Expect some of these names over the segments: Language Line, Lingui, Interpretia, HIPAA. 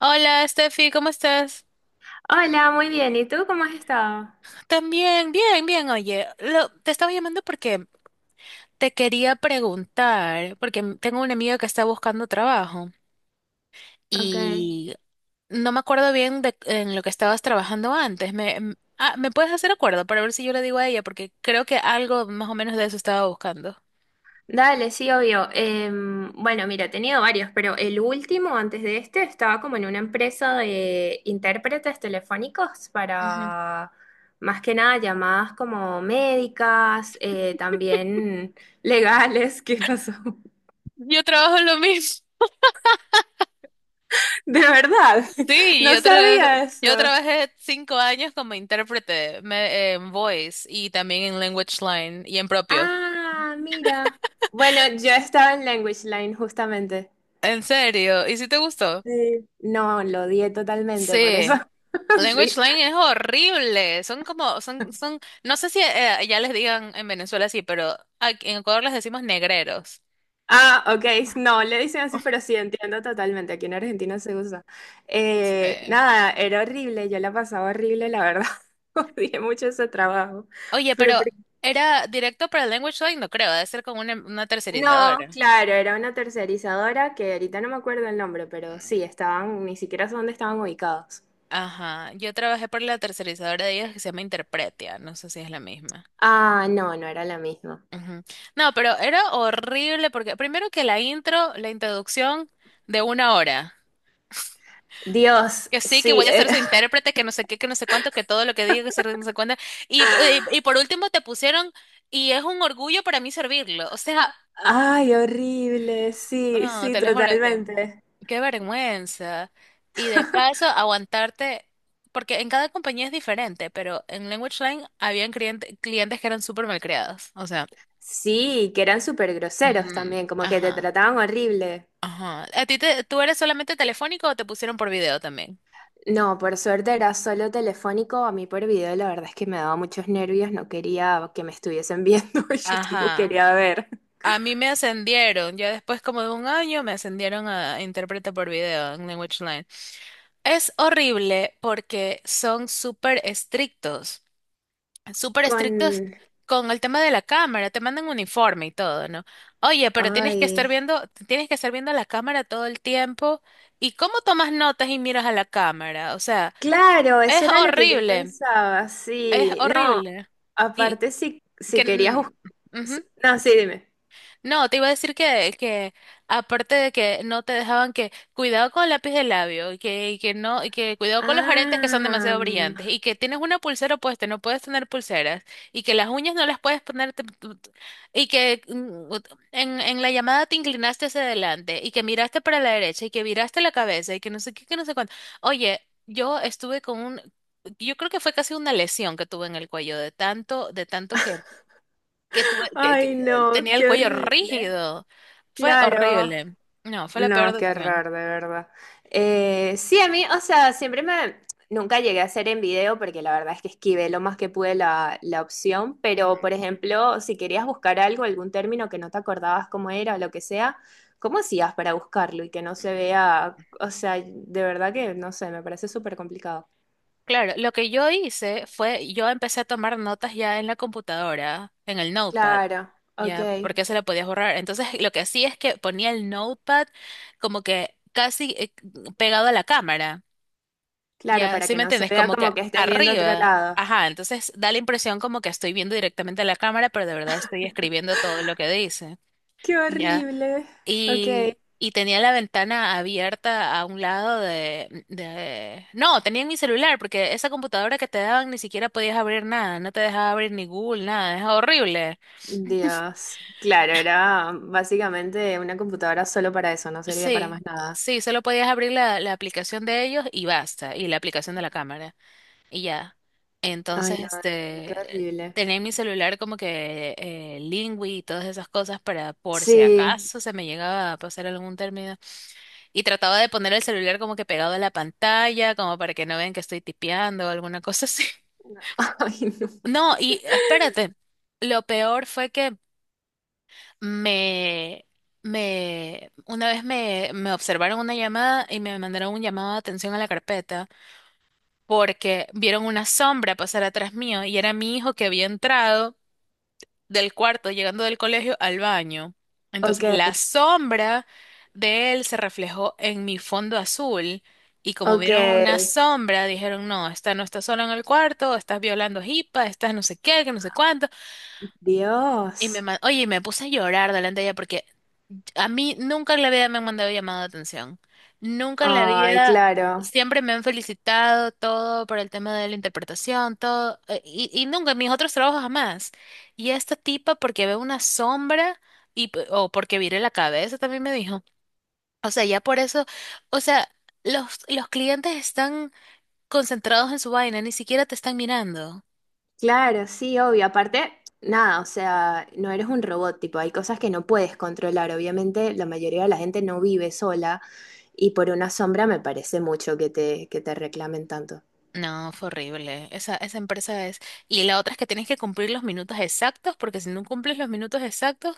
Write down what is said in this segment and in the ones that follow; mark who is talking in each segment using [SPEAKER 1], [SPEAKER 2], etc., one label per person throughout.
[SPEAKER 1] Hola, Steffi, ¿cómo estás?
[SPEAKER 2] Hola, muy bien. ¿Y tú cómo has estado?
[SPEAKER 1] También, bien, bien. Oye, te estaba llamando porque te quería preguntar, porque tengo una amiga que está buscando trabajo
[SPEAKER 2] Ok.
[SPEAKER 1] y no me acuerdo bien de en lo que estabas trabajando antes. ¿Me puedes hacer acuerdo para ver si yo le digo a ella? Porque creo que algo más o menos de eso estaba buscando.
[SPEAKER 2] Dale, sí, obvio. Bueno, mira, he tenido varios, pero el último, antes de este, estaba como en una empresa de intérpretes telefónicos
[SPEAKER 1] Ujú.
[SPEAKER 2] para más que nada llamadas como médicas, también legales. ¿Qué pasó?
[SPEAKER 1] Yo trabajo en lo mismo.
[SPEAKER 2] De verdad,
[SPEAKER 1] Sí,
[SPEAKER 2] no
[SPEAKER 1] yo, tra-
[SPEAKER 2] sabía
[SPEAKER 1] yo
[SPEAKER 2] eso.
[SPEAKER 1] trabajé 5 años como intérprete en voice y también en language line y en propio.
[SPEAKER 2] Ah, mira. Bueno, yo estaba en Language Line justamente.
[SPEAKER 1] En serio, ¿y si te gustó?
[SPEAKER 2] Sí. No, lo odié totalmente, por eso.
[SPEAKER 1] Sí. Language
[SPEAKER 2] Sí.
[SPEAKER 1] Lane es horrible. Son como, no sé si ya les digan en Venezuela así, pero aquí en Ecuador les decimos negreros.
[SPEAKER 2] Ah, ok, no, le dicen así, pero sí, entiendo totalmente. Aquí en Argentina se usa.
[SPEAKER 1] Sí.
[SPEAKER 2] Nada, era horrible, yo la pasaba horrible, la verdad. Odié mucho ese trabajo.
[SPEAKER 1] Oye,
[SPEAKER 2] Pero,
[SPEAKER 1] pero
[SPEAKER 2] por-
[SPEAKER 1] ¿era directo para Language line? No creo, debe ser con una
[SPEAKER 2] no,
[SPEAKER 1] tercerizadora.
[SPEAKER 2] claro, era una tercerizadora que ahorita no me acuerdo el nombre, pero
[SPEAKER 1] Mm.
[SPEAKER 2] sí, estaban, ni siquiera sé dónde estaban ubicados.
[SPEAKER 1] Ajá, yo trabajé por la tercerizadora de ellos que se llama Interpretia, no sé si es la misma.
[SPEAKER 2] Ah, no, no era la misma.
[SPEAKER 1] Ujú. No, pero era horrible porque primero que la introducción de una hora.
[SPEAKER 2] Dios,
[SPEAKER 1] Que sí, que
[SPEAKER 2] sí,
[SPEAKER 1] voy a ser su
[SPEAKER 2] era.
[SPEAKER 1] intérprete, que no sé qué, que no sé cuánto, que todo lo que diga, no sé cuánto. Y por último te pusieron, y es un orgullo para mí servirlo. O sea,
[SPEAKER 2] Ay, horrible, sí,
[SPEAKER 1] no,
[SPEAKER 2] sí,
[SPEAKER 1] te lo juro que
[SPEAKER 2] totalmente.
[SPEAKER 1] qué vergüenza. Y de paso, aguantarte, porque en cada compañía es diferente, pero en Language Line habían clientes que eran súper malcriados. O sea,
[SPEAKER 2] Sí, que eran súper groseros
[SPEAKER 1] ujú,
[SPEAKER 2] también, como que te
[SPEAKER 1] ajá,
[SPEAKER 2] trataban horrible.
[SPEAKER 1] ajá. ¿A ti te, tú eres solamente telefónico o te pusieron por video también?
[SPEAKER 2] No, por suerte era solo telefónico, a mí por video la verdad es que me daba muchos nervios, no quería que me estuviesen viendo y yo tampoco
[SPEAKER 1] Ajá,
[SPEAKER 2] quería ver.
[SPEAKER 1] a mí me ascendieron, ya después como de un año me ascendieron a intérprete por video en Language Line. Es horrible porque son súper
[SPEAKER 2] Con...
[SPEAKER 1] estrictos con el tema de la cámara, te mandan uniforme y todo, ¿no? Oye, pero tienes que estar
[SPEAKER 2] Ay,
[SPEAKER 1] viendo, tienes que estar viendo la cámara todo el tiempo. ¿Y cómo tomas notas y miras a la cámara? O sea,
[SPEAKER 2] claro, eso
[SPEAKER 1] es
[SPEAKER 2] era lo que yo
[SPEAKER 1] horrible,
[SPEAKER 2] pensaba,
[SPEAKER 1] es
[SPEAKER 2] sí. No,
[SPEAKER 1] horrible. Y
[SPEAKER 2] aparte si,
[SPEAKER 1] que,
[SPEAKER 2] si querías
[SPEAKER 1] n-
[SPEAKER 2] buscar...
[SPEAKER 1] ujú.
[SPEAKER 2] No, sí, dime.
[SPEAKER 1] No, te iba a decir que, aparte de que no te dejaban, que cuidado con el lápiz de labio y que no, y que cuidado con los aretes que son
[SPEAKER 2] Ah,
[SPEAKER 1] demasiado brillantes y que tienes una pulsera puesta, no puedes tener pulseras y que las uñas no las puedes poner y que en la llamada te inclinaste hacia adelante y que miraste para la derecha y que viraste la cabeza y que no sé qué, que no sé cuánto. Oye, yo estuve con un, yo creo que fue casi una lesión que tuve en el cuello de tanto que que tuve, que,
[SPEAKER 2] ay,
[SPEAKER 1] que
[SPEAKER 2] no,
[SPEAKER 1] tenía el
[SPEAKER 2] qué
[SPEAKER 1] cuello
[SPEAKER 2] horrible.
[SPEAKER 1] rígido. Fue
[SPEAKER 2] Claro.
[SPEAKER 1] horrible. No, fue la peor
[SPEAKER 2] No, qué
[SPEAKER 1] decisión.
[SPEAKER 2] raro, de verdad. Sí, a mí, o sea, siempre me... Nunca llegué a hacer en video porque la verdad es que esquivé lo más que pude la, la opción, pero
[SPEAKER 1] Ujú.
[SPEAKER 2] por ejemplo, si querías buscar algo, algún término que no te acordabas cómo era o lo que sea, ¿cómo hacías para buscarlo y que no se vea? O sea, de verdad que no sé, me parece súper complicado.
[SPEAKER 1] Claro, lo que yo hice fue, yo empecé a tomar notas ya en la computadora, en el notepad,
[SPEAKER 2] Claro, ok.
[SPEAKER 1] ya, porque se la podía borrar. Entonces, lo que hacía es que ponía el notepad como que casi pegado a la cámara,
[SPEAKER 2] Claro,
[SPEAKER 1] ya,
[SPEAKER 2] para
[SPEAKER 1] ¿sí
[SPEAKER 2] que
[SPEAKER 1] me
[SPEAKER 2] no se
[SPEAKER 1] entiendes?
[SPEAKER 2] vea
[SPEAKER 1] Como
[SPEAKER 2] como
[SPEAKER 1] que
[SPEAKER 2] que estés viendo otro
[SPEAKER 1] arriba,
[SPEAKER 2] lado.
[SPEAKER 1] ajá, entonces da la impresión como que estoy viendo directamente a la cámara, pero de verdad estoy escribiendo todo lo que dice.
[SPEAKER 2] Qué
[SPEAKER 1] Ya,
[SPEAKER 2] horrible. Ok.
[SPEAKER 1] y tenía la ventana abierta a un lado No, tenía en mi celular, porque esa computadora que te daban ni siquiera podías abrir nada, no te dejaba abrir ni Google, nada, es horrible.
[SPEAKER 2] Dios. Claro, era básicamente una computadora solo para eso, no servía para más
[SPEAKER 1] Sí,
[SPEAKER 2] nada.
[SPEAKER 1] sí, solo podías abrir la aplicación de ellos y basta, y la aplicación de la cámara, y ya.
[SPEAKER 2] Ay,
[SPEAKER 1] Entonces,
[SPEAKER 2] no, qué
[SPEAKER 1] este,
[SPEAKER 2] horrible.
[SPEAKER 1] tenía en mi celular como que Lingui y todas esas cosas para por si
[SPEAKER 2] Sí.
[SPEAKER 1] acaso se me llegaba a pasar algún término. Y trataba de poner el celular como que pegado a la pantalla, como para que no vean que estoy tipeando o alguna cosa así.
[SPEAKER 2] No, ay, no.
[SPEAKER 1] No, y espérate, lo peor fue que me, una vez me observaron una llamada y me mandaron un llamado de atención a la carpeta porque vieron una sombra pasar atrás mío y era mi hijo que había entrado del cuarto, llegando del colegio al baño.
[SPEAKER 2] Ok,
[SPEAKER 1] Entonces la sombra de él se reflejó en mi fondo azul y como
[SPEAKER 2] ok.
[SPEAKER 1] vieron una sombra, dijeron, no, esta no está sola en el cuarto, estás violando hipa, estás no sé qué, que no sé cuánto. Y
[SPEAKER 2] Dios.
[SPEAKER 1] oye, y me puse a llorar delante de ella porque a mí nunca en la vida me han mandado llamada de atención. Nunca en la
[SPEAKER 2] Ay,
[SPEAKER 1] vida,
[SPEAKER 2] claro.
[SPEAKER 1] siempre me han felicitado todo por el tema de la interpretación, todo. Y nunca en mis otros trabajos jamás. Y esta tipa porque ve una sombra o porque viré la cabeza también me dijo. O sea, ya por eso, o sea, los clientes están concentrados en su vaina, ni siquiera te están mirando.
[SPEAKER 2] Claro, sí, obvio. Aparte, nada, o sea, no eres un robot, tipo, hay cosas que no puedes controlar. Obviamente, la mayoría de la gente no vive sola y por una sombra me parece mucho que te reclamen tanto.
[SPEAKER 1] No, fue horrible. Esa empresa es... Y la otra es que tienes que cumplir los minutos exactos, porque si no cumples los minutos exactos,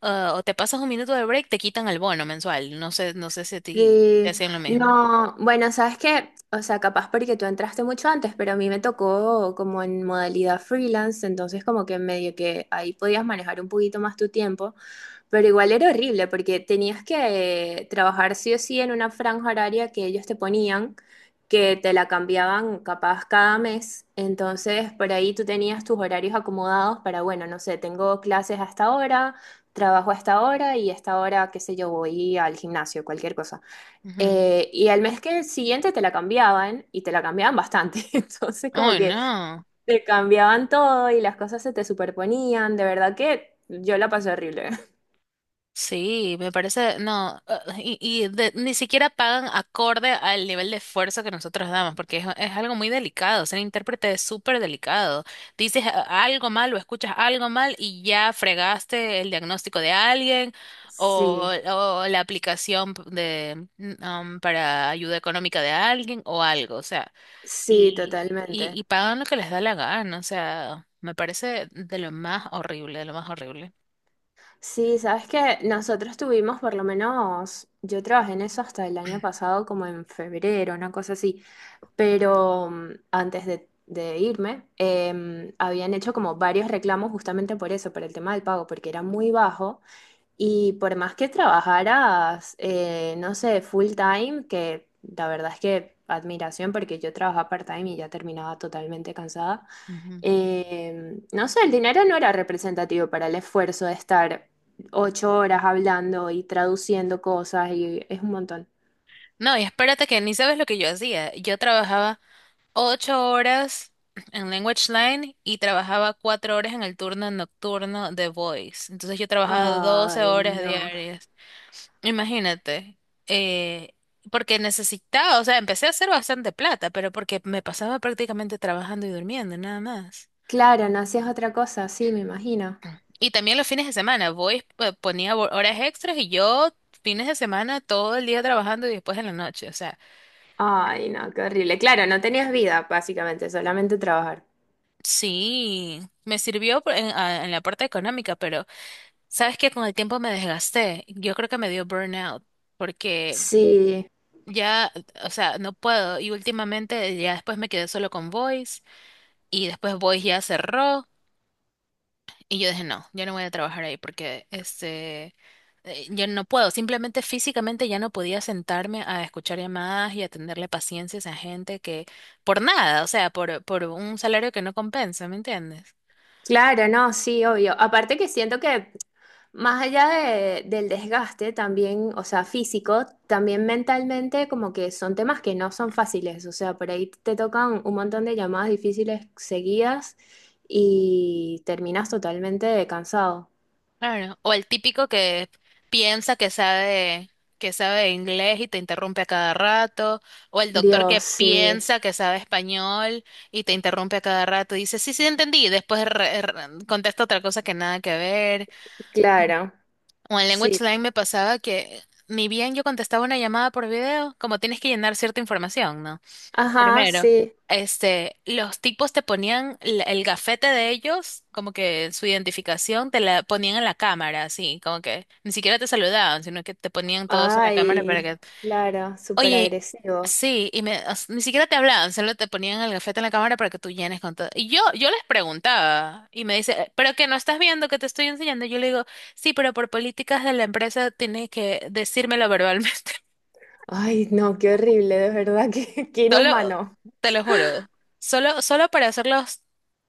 [SPEAKER 1] o te pasas un minuto de break, te quitan el bono mensual. No sé, no sé si a ti te
[SPEAKER 2] Sí,
[SPEAKER 1] hacían lo mismo.
[SPEAKER 2] no, bueno, sabes que, o sea, capaz porque tú entraste mucho antes, pero a mí me tocó como en modalidad freelance, entonces como que medio que ahí podías manejar un poquito más tu tiempo, pero igual era horrible porque tenías que trabajar sí o sí en una franja horaria que ellos te ponían, que te la cambiaban capaz cada mes, entonces por ahí tú tenías tus horarios acomodados para, bueno, no sé, tengo clases hasta ahora, trabajo hasta ahora y hasta ahora, qué sé yo, voy al gimnasio, cualquier cosa.
[SPEAKER 1] Ujú.
[SPEAKER 2] Y al mes que siguiente te la cambiaban y te la cambiaban bastante. Entonces como
[SPEAKER 1] Ay,
[SPEAKER 2] que
[SPEAKER 1] no.
[SPEAKER 2] te cambiaban todo y las cosas se te superponían. De verdad que yo la pasé horrible.
[SPEAKER 1] Sí, me parece, no, ni siquiera pagan acorde al nivel de esfuerzo que nosotros damos, porque es algo muy delicado, ser intérprete es súper delicado. Dices algo mal o escuchas algo mal y ya fregaste el diagnóstico de alguien o,
[SPEAKER 2] Sí,
[SPEAKER 1] o la aplicación de, para ayuda económica de alguien o algo, o sea,
[SPEAKER 2] sí,
[SPEAKER 1] y,
[SPEAKER 2] totalmente.
[SPEAKER 1] y, y pagan lo que les da la gana, o sea, me parece de lo más horrible, de lo más horrible.
[SPEAKER 2] Sí, sabes que nosotros tuvimos por lo menos, yo trabajé en eso hasta el año pasado, como en febrero, una cosa así, pero antes de irme, habían hecho como varios reclamos justamente por eso, por el tema del pago, porque era muy bajo. Y por más que trabajaras, no sé, full time, que la verdad es que admiración porque yo trabajaba part-time y ya terminaba totalmente cansada,
[SPEAKER 1] Ujú.
[SPEAKER 2] no sé, el dinero no era representativo para el esfuerzo de estar 8 horas hablando y traduciendo cosas y es un montón.
[SPEAKER 1] No, y espérate que ni sabes lo que yo hacía. Yo trabajaba 8 horas en Language Line y trabajaba 4 horas en el turno nocturno de Voice. Entonces yo trabajaba 12
[SPEAKER 2] Ay,
[SPEAKER 1] horas
[SPEAKER 2] no.
[SPEAKER 1] diarias. Imagínate. eh, Porque necesitaba, o sea, empecé a hacer bastante plata, pero porque me pasaba prácticamente trabajando y durmiendo, nada más.
[SPEAKER 2] Claro, no hacías otra cosa, sí, me imagino.
[SPEAKER 1] Y también los fines de semana, Voice pues, ponía horas extras y yo fines de semana todo el día trabajando y después en la noche, o sea.
[SPEAKER 2] Ay, no, qué horrible. Claro, no tenías vida, básicamente, solamente trabajar.
[SPEAKER 1] Sí, me sirvió en la parte económica, pero sabes que con el tiempo me desgasté. Yo creo que me dio burnout porque
[SPEAKER 2] Sí.
[SPEAKER 1] ya, o sea, no puedo. Y últimamente ya después me quedé solo con Voice y después Voice ya cerró y yo dije, no, yo no voy a trabajar ahí porque yo no puedo. Simplemente físicamente ya no podía sentarme a escuchar llamadas y a tenerle paciencia a esa gente que por nada, o sea, por un salario que no compensa, ¿me entiendes?
[SPEAKER 2] Claro, no, sí, obvio. Aparte que siento que más allá de- del desgaste también, o sea, físico, también mentalmente como que son temas que no son fáciles, o sea, por ahí te tocan un montón de llamadas difíciles seguidas y terminas totalmente cansado.
[SPEAKER 1] Claro. O el típico que piensa que sabe inglés y te interrumpe a cada rato. O el doctor que
[SPEAKER 2] Dios, sí,
[SPEAKER 1] piensa que sabe español y te interrumpe a cada rato. Y dice, sí, sí, entendí. Y después contesta otra cosa que nada que ver.
[SPEAKER 2] claro,
[SPEAKER 1] O en
[SPEAKER 2] sí.
[SPEAKER 1] Language Line me pasaba que ni bien yo contestaba una llamada por video, como tienes que llenar cierta información, ¿no?
[SPEAKER 2] Ajá,
[SPEAKER 1] Primero,
[SPEAKER 2] sí.
[SPEAKER 1] los tipos te ponían el gafete de ellos, como que su identificación te la ponían en la cámara, así, como que ni siquiera te saludaban, sino que te ponían todos en la cámara para
[SPEAKER 2] Ay,
[SPEAKER 1] que,
[SPEAKER 2] claro, súper
[SPEAKER 1] oye,
[SPEAKER 2] agresivo.
[SPEAKER 1] sí, o sea, ni siquiera te hablaban, solo te ponían el gafete en la cámara para que tú llenes con todo. Y yo les preguntaba, y me dice, pero que no estás viendo que te estoy enseñando". Yo le digo, sí, pero por políticas de la empresa tienes que decírmelo verbalmente.
[SPEAKER 2] Ay, no, qué horrible, de verdad, que qué qué
[SPEAKER 1] Solo,
[SPEAKER 2] inhumano.
[SPEAKER 1] te lo juro, solo para hacerlos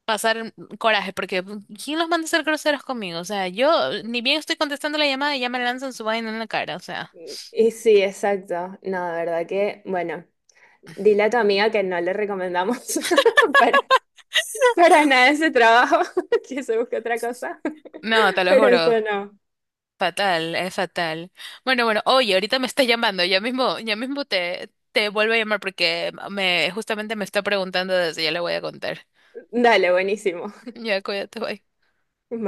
[SPEAKER 1] pasar coraje, porque ¿quién los manda a ser groseros conmigo? O sea, yo ni bien estoy contestando la llamada y ya me lanzan su vaina en la cara, o sea.
[SPEAKER 2] Y sí, exacto. No, de verdad que, bueno, dile a tu amiga que no le recomendamos para, para nada ese trabajo, que se busque otra cosa,
[SPEAKER 1] No, te lo
[SPEAKER 2] pero eso
[SPEAKER 1] juro,
[SPEAKER 2] no.
[SPEAKER 1] fatal, es fatal. Bueno, bueno, oye, ahorita me está llamando, ya mismo te vuelvo a llamar porque justamente me está preguntando, desde ya le voy a contar.
[SPEAKER 2] Dale, buenísimo.
[SPEAKER 1] Ya, cuídate, bye.